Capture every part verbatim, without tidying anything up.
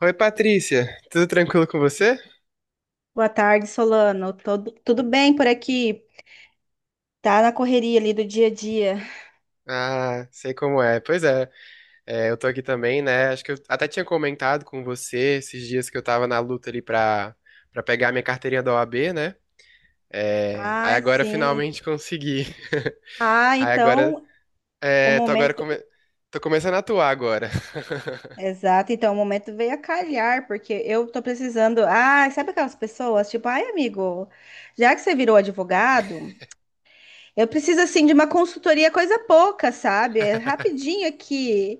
Oi, Patrícia, tudo tranquilo com você? Boa tarde, Solano. Todo- tudo bem por aqui? Tá na correria ali do dia a dia. Ah, sei como é. Pois é, é, eu tô aqui também, né? Acho que eu até tinha comentado com você esses dias que eu tava na luta ali pra, pra pegar minha carteirinha da O A B, né? É, aí Ai, agora eu sim. finalmente consegui. Ah, Aí agora, então o é, tô agora momento. come... tô começando a atuar agora. Exato, então o momento veio a calhar, porque eu tô precisando. Ah, sabe aquelas pessoas? Tipo, ai, amigo, já que você virou advogado, eu preciso assim de uma consultoria, coisa pouca, sabe? É rapidinho aqui.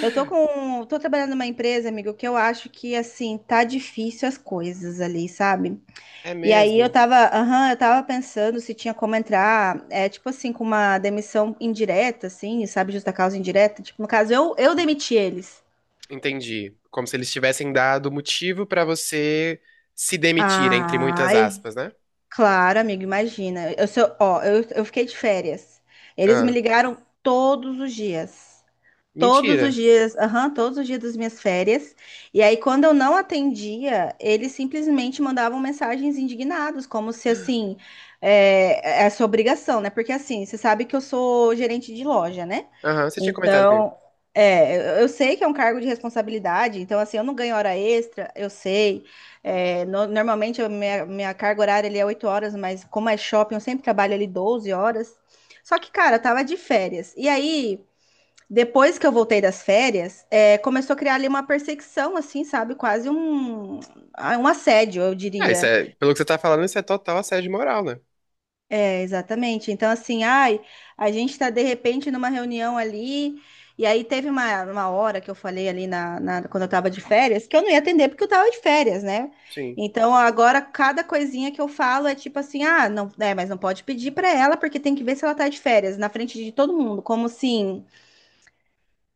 Eu tô com. Tô trabalhando numa empresa, amigo, que eu acho que assim, tá difícil as coisas ali, sabe? É E aí eu mesmo? tava, aham, eu tava pensando se tinha como entrar, é, tipo assim, com uma demissão indireta, assim, sabe, justa causa indireta. Tipo, no caso, eu, eu demiti eles. Entendi. Como se eles tivessem dado motivo pra você se demitir, entre muitas Ai, aspas, né? claro, amigo, imagina. Eu sou, ó, eu, eu fiquei de férias. Eles me Ah, ligaram todos os dias. Todos os mentira. dias, aham, todos os dias das minhas férias. E aí, quando eu não atendia, eles simplesmente mandavam mensagens indignados, como se assim, é, é sua obrigação, né? Porque assim, você sabe que eu sou gerente de loja, né? Aham, você tinha comentado comigo. Então, é, eu eu sei que é um cargo de responsabilidade, então assim, eu não ganho hora extra, eu sei. É, no- normalmente, a minha, minha carga horária ali é oito horas, mas como é shopping, eu sempre trabalho ali doze horas. Só que, cara, eu tava de férias. E aí. Depois que eu voltei das férias, é, começou a criar ali uma perseguição, assim, sabe? Quase um, ah, um assédio, eu Ah, isso diria. é, pelo que você tá falando, isso é total assédio moral, né? É, exatamente. Então, assim, ai, a gente tá de repente numa reunião ali. E aí teve uma, uma hora que eu falei ali na, na- quando eu tava de férias, que eu não ia atender porque eu tava de férias, né? Sim. Então agora cada coisinha que eu falo é tipo assim, ah, não, é, mas não pode pedir pra ela porque tem que ver se ela tá de férias na frente de todo mundo, como assim,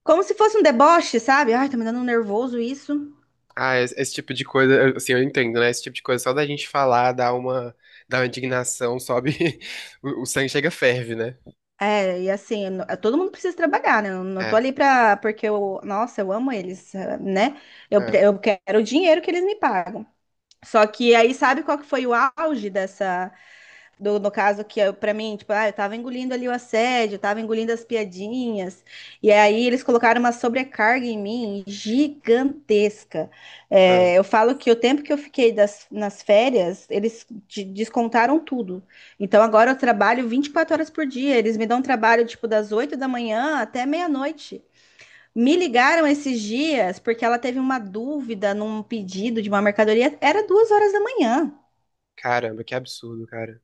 como se fosse um deboche, sabe? Ai, tá me dando um nervoso isso. Ah, esse, esse tipo de coisa, eu- assim, eu entendo, né? Esse tipo de coisa, só da gente falar, dá uma, dá uma indignação, sobe, o, o sangue chega, ferve, né? É, e assim, eu todo mundo precisa trabalhar, né? Eu não tô É, ali pra, porque eu, nossa, eu amo eles, eh, né? Eu, pre- é, eu quero o dinheiro que eles me pagam. Só que aí, sabe qual que foi o auge dessa, do- no caso que eu- pra mim, tipo, ah, eu tava engolindo ali o assédio, eu tava engolindo as piadinhas, e aí eles colocaram uma sobrecarga em mim gigantesca. é. É, eu falo que o tempo que eu fiquei das- nas férias, eles de- descontaram tudo. Então agora eu trabalho vinte e quatro horas por dia, eles me dão trabalho, tipo, das oito da manhã até meia-noite. Me ligaram esses dias porque ela teve uma dúvida num pedido de uma mercadoria, era duas horas da manhã. Caramba, que absurdo, cara.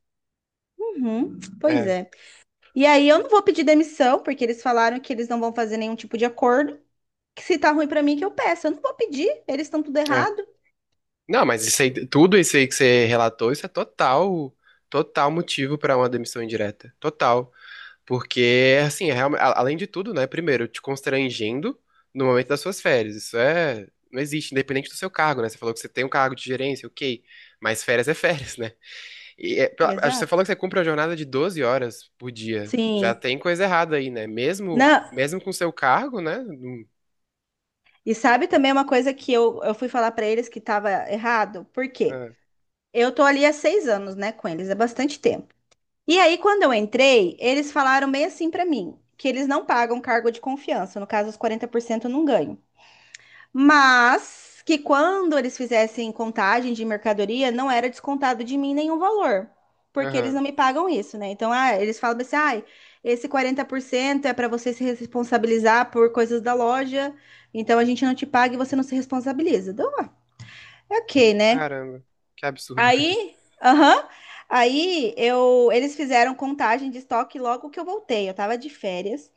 Uhum, pois É, é. E aí eu não vou pedir demissão, porque eles falaram que eles não vão fazer nenhum tipo de acordo. Que se tá ruim pra mim, que eu peço. Eu não vou pedir, eles estão tudo é. errado. Não, mas isso aí, tudo isso aí que você relatou, isso é total, total motivo pra uma demissão indireta. Total. Porque, assim, é realme- a- além de tudo, né? Primeiro, te constrangendo no momento das suas férias. Isso é. Não existe, independente do seu cargo, né? Você falou que você tem um cargo de gerência, ok. Mas férias é férias, né? E é, pra- acho que você Exato. falou que você cumpre a jornada de doze horas por dia. Já Sim. tem coisa errada aí, né? Mesmo, Não. mesmo com seu cargo, né? Hum, E sabe também uma coisa que eu, eu fui falar pra eles que tava errado? Por quê? ah, Eu tô ali há seis anos, né, com eles, é bastante tempo. E aí, quando eu entrei, eles falaram bem assim pra mim, que eles não pagam cargo de confiança. No caso, os quarenta por cento eu não ganho. Mas que quando eles fizessem contagem de mercadoria, não era descontado de mim nenhum valor, porque eles Aham. não me pagam isso, né? Então, ah, eles falam assim, ai, esse quarenta por cento é para você se responsabilizar por coisas da loja, então a gente não te paga e você não se responsabiliza. Então, é ok, né? Caramba, que absurdo. Aí, aham, aí eu, eles fizeram contagem de estoque logo que eu voltei, eu tava de férias.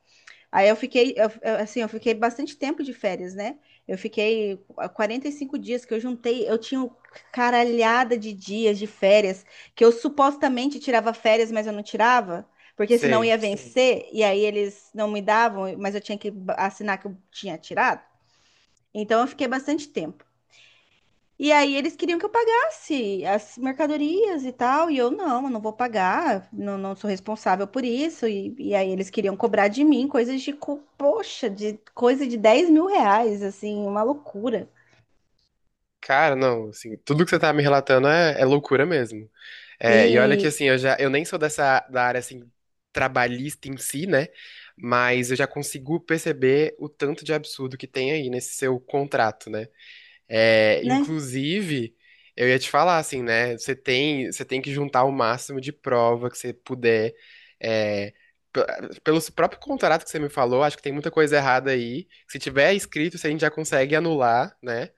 Aí eu fiquei, eu- eu- assim, eu fiquei bastante tempo de férias, né? Eu fiquei quarenta e cinco dias que eu juntei, eu tinha um caralhada de dias de férias, que eu supostamente tirava férias, mas eu não tirava, porque senão ia, Sei. sim, vencer, e aí eles não me davam, mas eu tinha que assinar que eu tinha tirado. Então eu fiquei bastante tempo. E aí eles queriam que eu pagasse as mercadorias e tal, e eu não, eu não vou pagar, não, não sou responsável por isso. E, e aí eles queriam cobrar de mim coisas de, co- poxa, de coisa de dez mil reais, assim, uma loucura. Cara, não, assim, tudo que você tá me relatando é, é loucura mesmo. É, e olha que E, assim, eu já eu nem sou dessa da área assim trabalhista em si, né? Mas eu já consigo perceber o tanto de absurdo que tem aí nesse seu contrato, né? É, né? inclusive, eu ia te falar assim, né? Você tem você tem que juntar o máximo de prova que você puder. É, p- pelo próprio contrato que você me falou, acho que tem muita coisa errada aí. Se tiver escrito, se a gente já consegue anular, né?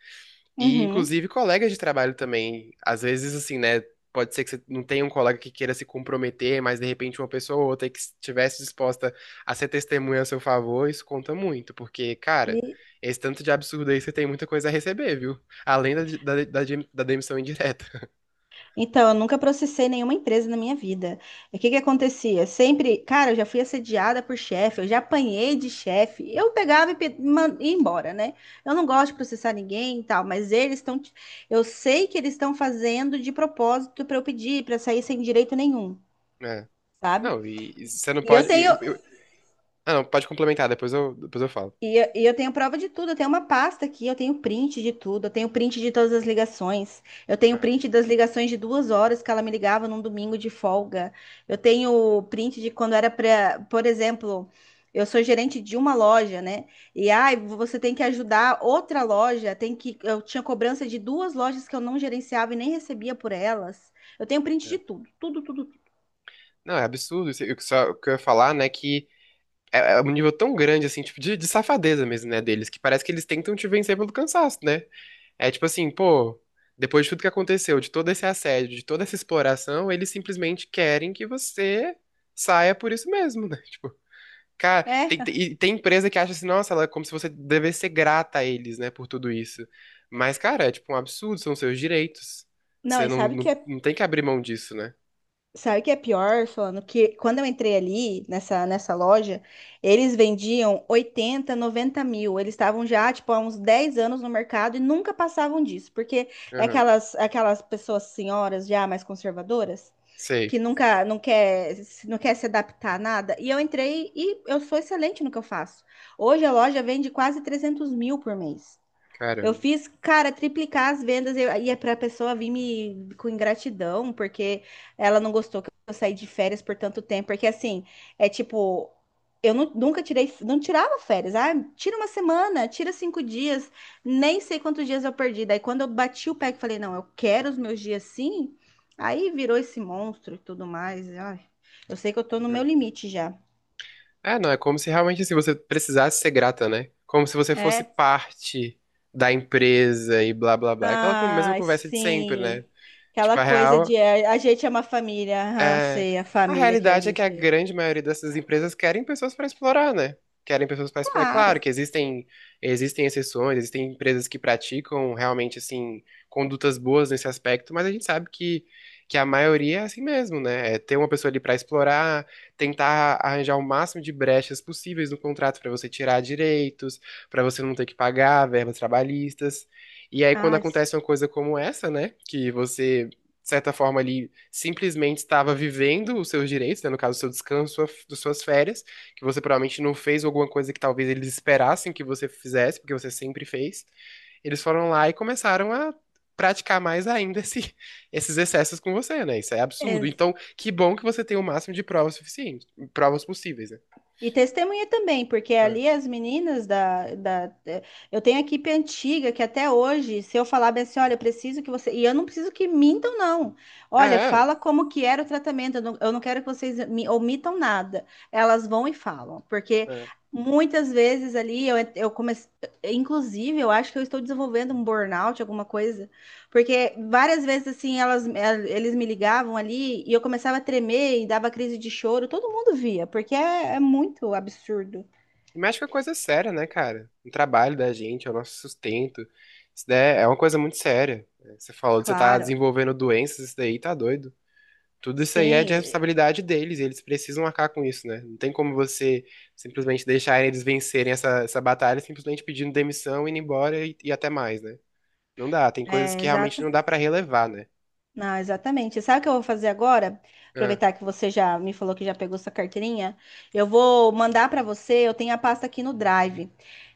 E, Uhum. inclusive, colegas de trabalho também. Às vezes, assim, né? Pode ser que você não tenha um colega que queira se comprometer, mas de repente uma pessoa ou outra que estivesse disposta a ser testemunha a seu favor, isso conta muito, porque, cara, esse tanto de absurdo aí você tem muita coisa a receber, viu? Além da, da, da, dem- da demissão indireta. Então, eu nunca processei nenhuma empresa na minha vida. E o que que acontecia? Sempre, cara, eu já fui assediada por chefe, eu já apanhei de chefe. Eu pegava e pe- man- ia embora, né? Eu não gosto de processar ninguém e tal, mas eles estão, t- eu sei que eles estão fazendo de propósito para eu pedir, para sair sem direito nenhum, né? sabe? Não, e, e você não E eu pode. e- tenho, eu- eu- ah, não, pode complementar, depois eu, depois eu falo. E eu, e eu tenho prova de tudo, eu tenho uma pasta aqui, eu tenho print de tudo, eu tenho print de todas as ligações, eu tenho É. print das ligações de duas horas que ela me ligava num domingo de folga, eu tenho print de quando era pra, por exemplo, eu sou gerente de uma loja, né? E ai, você tem que ajudar outra loja, tem que, eu tinha cobrança de duas lojas que eu não gerenciava e nem recebia por elas. Eu tenho print de É. tudo, tudo, tudo, tudo. Não, é absurdo. isso- O que só- o que eu ia falar, né, que é, é um nível tão grande, assim, tipo, de, de safadeza mesmo, né, deles, que parece que eles tentam te vencer pelo cansaço, né? É tipo assim, pô, depois de tudo que aconteceu, de todo esse assédio, de toda essa exploração, eles simplesmente querem que você saia por isso mesmo, né? Tipo, cara, tem, tem- É, e tem empresa que acha assim, nossa, ela é como se você devesse ser grata a eles, né, por tudo isso. Mas, cara, é tipo um absurdo, são seus direitos. não, Você e não, sabe que não, é. não tem que abrir mão disso, né? Sabe o que é pior, falando que quando eu entrei ali nessa, nessa loja, eles vendiam oitenta, noventa mil. Eles estavam já, tipo, há uns dez anos no mercado e nunca passavam disso, porque é Aham, aquelas, aquelas pessoas senhoras já mais conservadoras que sei, nunca não quer, se- não quer se adaptar a nada. E eu entrei e eu sou excelente no que eu faço. Hoje a loja vende quase trezentos mil por mês. Eu caramba. fiz, cara, triplicar as vendas e e é pra pessoa vir me com ingratidão, porque ela não gostou que eu saí de férias por tanto tempo. Porque assim, é tipo, eu nu- nunca tirei, não tirava férias. Ah, tira uma semana, tira cinco dias, nem sei quantos dias eu perdi. Daí quando eu bati o pé que falei, não, eu quero os meus dias sim, aí virou esse monstro e tudo mais. Ai, eu sei que eu tô no meu É. limite já. É, não, é como se realmente assim, você precisasse ser grata, né? Como se você fosse É. parte da empresa e blá blá blá. Aquela con- mesma Ai, conversa de sempre, né? sim. Aquela Tipo, a coisa real de é, a gente é uma família, ah, é, sei, a a família que a realidade é que a gente é. grande maioria dessas empresas querem pessoas para explorar, né? Querem pessoas para explorar. É Claro Claro. que existem, existem exceções, existem empresas que praticam realmente, assim, condutas boas nesse aspecto, mas a gente sabe que, que a maioria é assim mesmo, né? É ter uma pessoa ali para explorar, tentar arranjar o máximo de brechas possíveis no contrato para você tirar direitos, para você não ter que pagar verbas trabalhistas. E aí, quando Ai, acontece uma coisa como essa, né? Que você de certa forma, ali simplesmente estava vivendo os seus direitos, né, no caso, o seu descanso, sua, das suas férias, que você provavelmente não fez alguma coisa que talvez eles esperassem que você fizesse, porque você sempre fez. Eles foram lá e começaram a praticar mais ainda esse- esses excessos com você, né? Isso é absurdo. Então, que bom que você tem o máximo de provas suficientes, provas possíveis, né? e testemunha também, porque ali as meninas da, da. eh, Eu tenho a equipe antiga que até hoje, se eu falar bem assim, olha, eu preciso que você. E eu não preciso que mintam, não. É, Olha, é. fala como que era o tratamento. Eu não, eu não quero que vocês me omitam nada. Elas vão e falam. Porque É. muitas vezes ali eu, eu comecei. Inclusive, eu acho que eu estou desenvolvendo um burnout, alguma coisa porque várias vezes, assim, elas, el- eles me ligavam ali e eu começava a tremer e dava crise de choro. Todo mundo via, porque é, é muito absurdo. E mexe com a coisa séria, né, cara? O trabalho da gente, é o nosso sustento. Isso daí é uma coisa muito séria. Você falou que você tá Claro, desenvolvendo doenças, isso daí tá doido. Tudo isso aí é de sim, responsabilidade deles, e eles precisam arcar com isso, né? Não tem como você simplesmente deixar eles vencerem essa, essa batalha simplesmente pedindo demissão, indo embora e, e até mais, né? Não dá, tem coisas que é. realmente não dá pra relevar, né? Não, exatamente. Sabe o que eu vou fazer agora? Ah, Aproveitar que você já me falou que já pegou sua carteirinha. Eu vou mandar para você. Eu tenho a pasta aqui no Drive,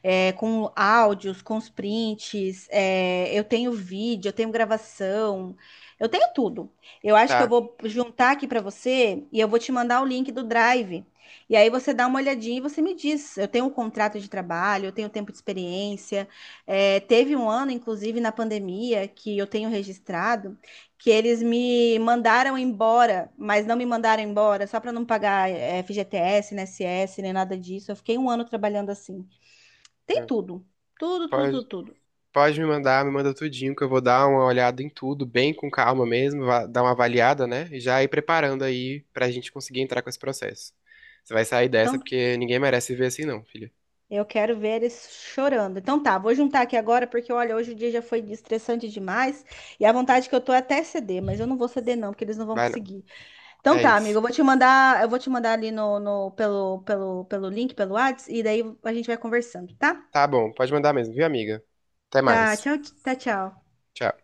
é, com áudios, com os prints. É, eu tenho vídeo, eu tenho gravação, eu tenho tudo. Eu acho que eu tá. vou juntar aqui para você e eu vou te mandar o link do Drive. E aí você dá uma olhadinha e você me diz. Eu tenho um contrato de trabalho, eu tenho tempo de experiência. É, teve um ano, inclusive, na pandemia, que eu tenho registrado que eles me mandaram embora, mas não me mandaram embora só para não pagar eh, F G T S, I N S S, nem nada disso. Eu fiquei um ano trabalhando assim. Tem Ah, tudo, tudo, tudo, pode. tudo, tudo. Pode me mandar, me manda tudinho, que eu vou dar uma olhada em tudo, bem com calma mesmo, va- dar uma avaliada, né? E já ir preparando aí pra gente conseguir entrar com esse processo. Você vai sair dessa Então, porque ninguém merece viver assim, não, filha. eu quero ver eles chorando. Então tá, vou juntar aqui agora porque olha, hoje o dia já foi estressante demais e a vontade que eu tô é até ceder, mas eu não vou ceder não, porque eles não vão Vai não. conseguir. Então É tá, amigo, isso. eu vou te mandar, eu vou te mandar ali no, no pelo pelo pelo link, pelo WhatsApp e daí a gente vai conversando, tá? Tá bom, pode mandar mesmo, viu, amiga? Até Tá, mais. tchau, tá, tchau. Tchau.